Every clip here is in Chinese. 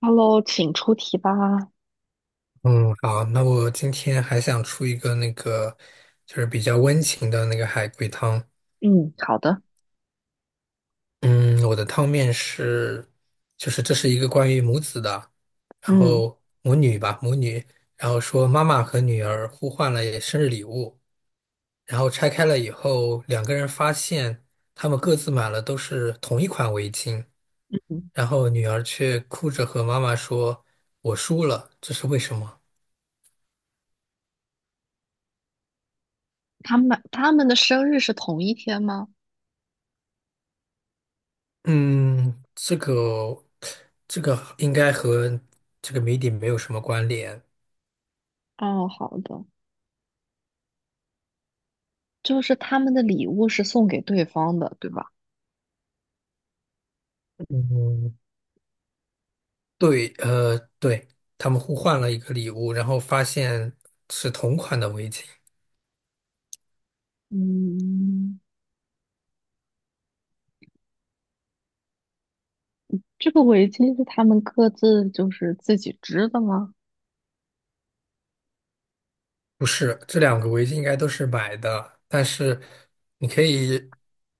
Hello，请出题吧。嗯，好，那我今天还想出一个那个，就是比较温情的那个海龟汤。嗯，好的。嗯，我的汤面是，就是这是一个关于母子的，然嗯，后母女吧，然后说妈妈和女儿互换了生日礼物，然后拆开了以后，两个人发现他们各自买了都是同一款围巾，然后女儿却哭着和妈妈说："我输了，这是为什么？"他们的生日是同一天吗？嗯，这个这个应该和这个谜底没有什么关联。哦，好的，就是他们的礼物是送给对方的，对吧？嗯，对，对，他们互换了一个礼物，然后发现是同款的围巾，嗯，这个围巾是他们各自就是自己织的吗？不是，这两个围巾应该都是买的，但是你可以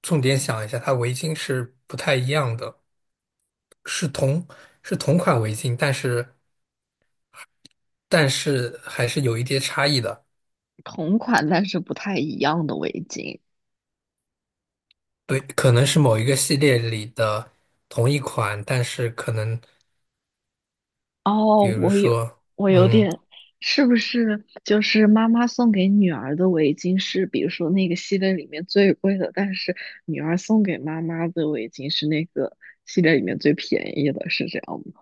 重点想一下，它围巾是不太一样的，是同是同款围巾，但是还是有一些差异的。同款但是不太一样的围巾。对，可能是某一个系列里的同一款，但是可能，比哦，如说，我有嗯，点，是不是就是妈妈送给女儿的围巾是，比如说那个系列里面最贵的，但是女儿送给妈妈的围巾是那个系列里面最便宜的，是这样吗？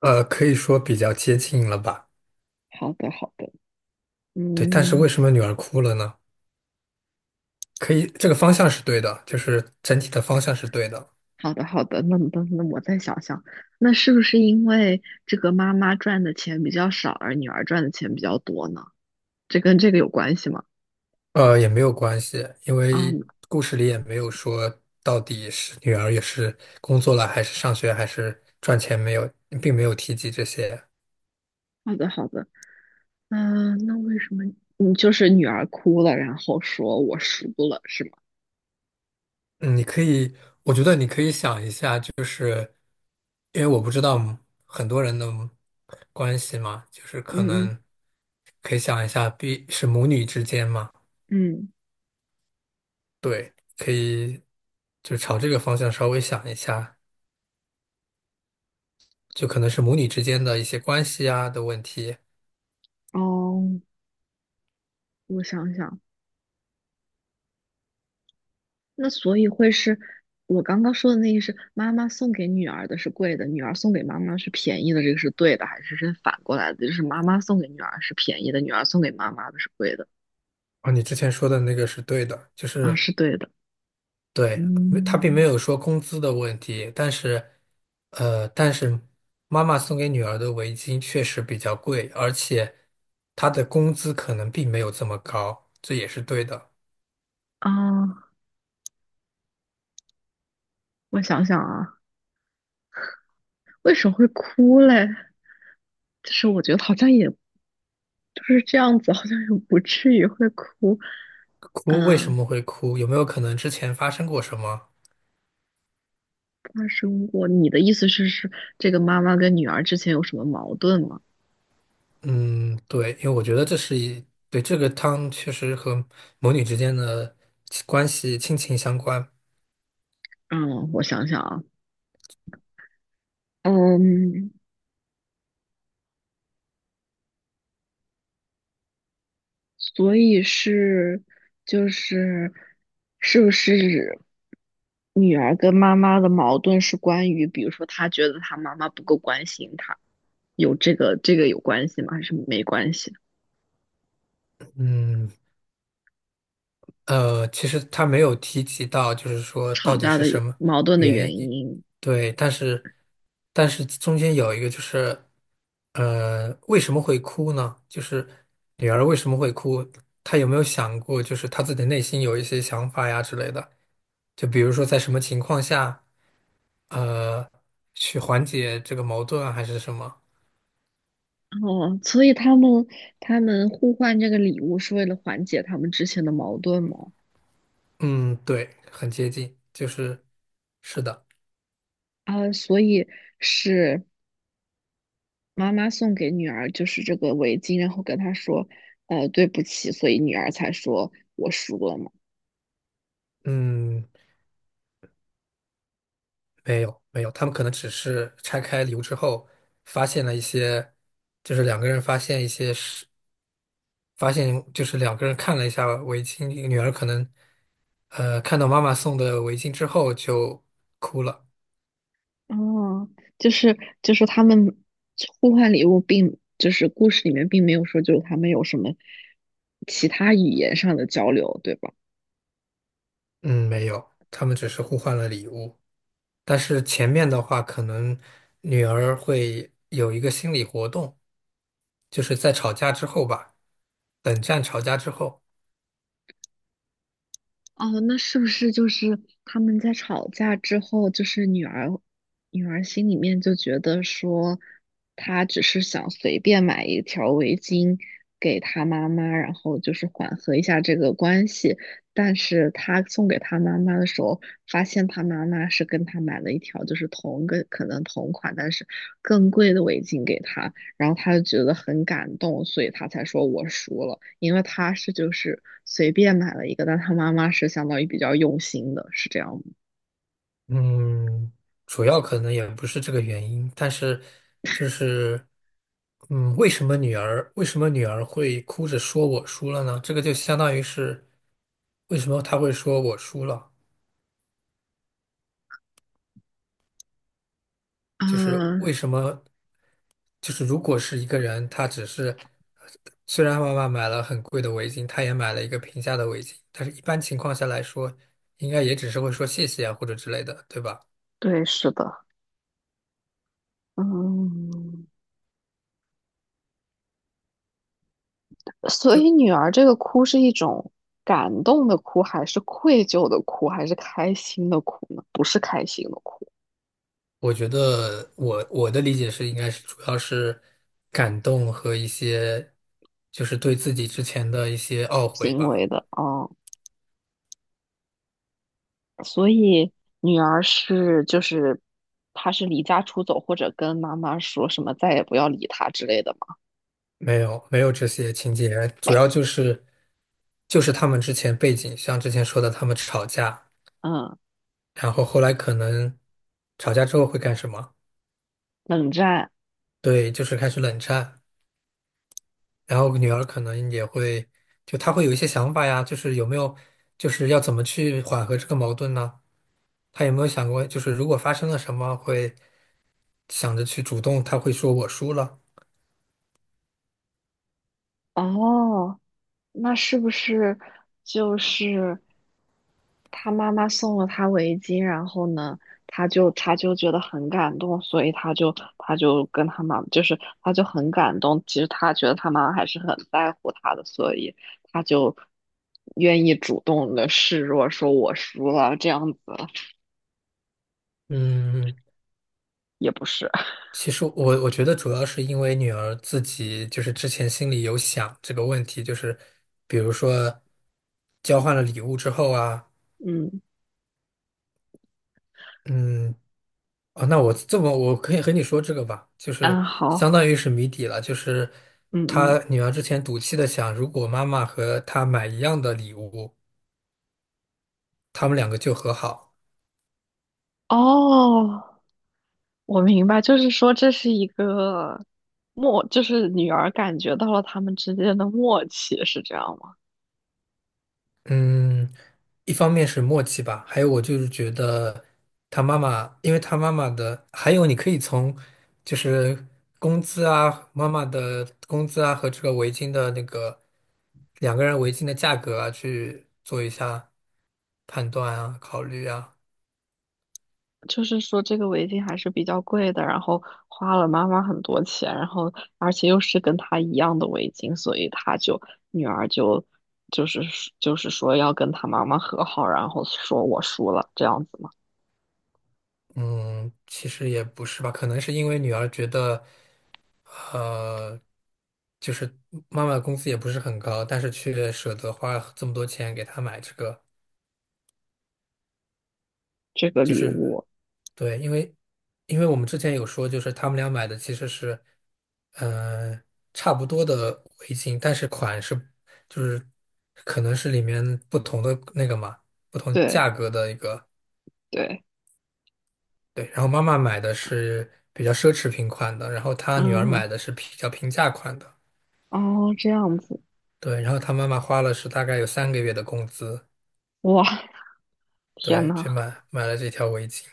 可以说比较接近了吧？好的，好的。对，但是嗯，为什么女儿哭了呢？可以，这个方向是对的，就是整体的方向是对的。好的，好的，那么那我再想想，那是不是因为这个妈妈赚的钱比较少，而女儿赚的钱比较多呢？这跟这个有关系吗？也没有关系，因啊，为故事里也没有说到底是女儿也是工作了，还是上学，还是赚钱，没有，并没有提及这些。好的，好的。嗯，那为什么你就是女儿哭了，然后说我输了，是吗？嗯，你可以，我觉得你可以想一下，就是因为我不知道很多人的关系嘛，就是可嗯嗯能可以想一下，必是母女之间嘛，嗯。对，可以就朝这个方向稍微想一下，就可能是母女之间的一些关系啊的问题。哦，我想想，那所以会是我刚刚说的那个是妈妈送给女儿的是贵的，女儿送给妈妈是便宜的，这个是对的，还是是反过来的？就是妈妈送给女儿是便宜的，女儿送给妈妈的是贵的。啊，你之前说的那个是对的，就啊，是是对的。对，没他并没嗯。有说工资的问题，但是妈妈送给女儿的围巾确实比较贵，而且她的工资可能并没有这么高，这也是对的。啊，我想想啊，为什么会哭嘞？就是我觉得好像也就是这样子，好像也不至于会哭。哭为什嗯，么会哭？有没有可能之前发生过什么？发生过。你的意思是，是这个妈妈跟女儿之前有什么矛盾吗？嗯，对，因为我觉得这是一，对，这个汤确实和母女之间的亲情相关。嗯，我想想啊。嗯，所以是就是是不是女儿跟妈妈的矛盾是关于，比如说她觉得她妈妈不够关心她，有这个有关系吗？还是没关系？嗯，其实他没有提及到，就是说吵到底架的是什么矛盾的原原因，因。对，但是中间有一个就是，为什么会哭呢？就是女儿为什么会哭？她有没有想过，就是她自己内心有一些想法呀之类的？就比如说在什么情况下，呃，去缓解这个矛盾啊，还是什么？哦，所以他们互换这个礼物是为了缓解他们之前的矛盾吗？嗯，对，很接近，就是是的，啊，所以是妈妈送给女儿就是这个围巾，然后跟她说，对不起，所以女儿才说我输了嘛。嗯。没有没有，他们可能只是拆开礼物之后，发现了一些，就是两个人发现一些是发现就是两个人看了一下围巾，女儿可能看到妈妈送的围巾之后就哭了。哦，就是就是他们互换礼物并，就是故事里面并没有说就是他们有什么其他语言上的交流，对吧？嗯，没有，他们只是互换了礼物。但是前面的话，可能女儿会有一个心理活动，就是在吵架之后吧，冷战吵架之后。哦，那是不是就是他们在吵架之后，就是女儿，女儿心里面就觉得说，她只是想随便买一条围巾给她妈妈，然后就是缓和一下这个关系。但是她送给她妈妈的时候，发现她妈妈是跟她买了一条就是同个可能同款，但是更贵的围巾给她。然后他就觉得很感动，所以他才说我输了，因为他是就是随便买了一个，但他妈妈是相当于比较用心的，是这样吗？嗯，主要可能也不是这个原因，但是就是，为什么女儿会哭着说我输了呢？这个就相当于是为什么她会说我输了，就是啊，为什么就是如果是一个人，他只是虽然妈妈买了很贵的围巾，他也买了一个平价的围巾，但是一般情况下来说，应该也只是会说谢谢啊或者之类的，对吧？对，是的。嗯，所以女儿这个哭是一种感动的哭，还是愧疚的哭，还是开心的哭呢？不是开心的哭，我觉得我的理解是，应该是主要是感动和一些，就是对自己之前的一些懊悔行为吧。的哦。嗯，所以女儿是就是她是离家出走，或者跟妈妈说什么再也不要理她之类的嘛？没有没有这些情节，主要就是他们之前背景，像之前说的，他们吵架，嗯。然后后来可能吵架之后会干什么？冷战。对，就是开始冷战，然后女儿可能也会，就她会有一些想法呀，就是有没有，就是要怎么去缓和这个矛盾呢？她有没有想过，就是如果发生了什么会？想着去主动，他会说我输了。哦，那是不是就是他妈妈送了他围巾，然后呢，他就觉得很感动，所以他就他就跟他妈，就是他就很感动。其实他觉得他妈妈还是很在乎他的，所以他就愿意主动的示弱，说我输了这样子，嗯，也不是。其实我觉得主要是因为女儿自己就是之前心里有想这个问题，就是比如说交换了礼物之后啊，嗯，嗯，哦，那我这么我可以和你说这个吧，就安是相好。当于是谜底了，就是嗯嗯。她女儿之前赌气的想，如果妈妈和她买一样的礼物，他们两个就和好。哦。我明白，就是说这是一个默，就是女儿感觉到了他们之间的默契，是这样吗？嗯，一方面是默契吧，还有我就是觉得他妈妈，因为他妈妈的，还有你可以从就是工资啊，妈妈的工资啊和这个围巾的那个两个人围巾的价格啊去做一下判断啊，考虑啊。就是说这个围巾还是比较贵的，然后花了妈妈很多钱，然后而且又是跟她一样的围巾，所以她就女儿就就是就是说要跟她妈妈和好，然后说我输了这样子嘛，嗯，其实也不是吧，可能是因为女儿觉得，呃，就是妈妈的工资也不是很高，但是却舍得花这么多钱给她买这个。这个就礼是物，对，因为我们之前有说，就是他们俩买的其实是，呃，差不多的围巾，但是款式就是可能是里面不同的那个嘛，不同对，价格的一个。对。对，然后妈妈买的是比较奢侈品款的，然后她女儿嗯，买的是比较平价款的。哦，这样子。对，然后她妈妈花了是大概有3个月的工资，哇，天对，呐！去买了这条围巾。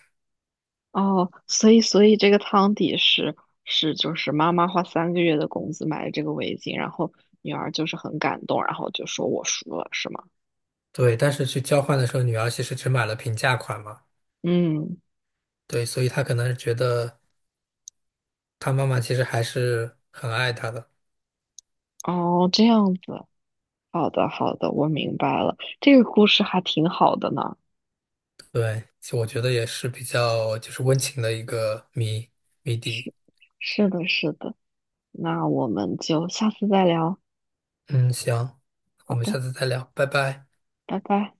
哦，所以所以这个汤底是是就是妈妈花3个月的工资买了这个围巾，然后女儿就是很感动，然后就说我输了，是吗？对，但是去交换的时候，女儿其实只买了平价款嘛。嗯，对，所以他可能觉得他妈妈其实还是很爱他的。哦，这样子，好的好的，我明白了，这个故事还挺好的呢。对，其实我觉得也是比较就是温情的一个谜底。是，是的是的，那我们就下次再聊。嗯，行，我好们的，下次再聊，拜拜。拜拜。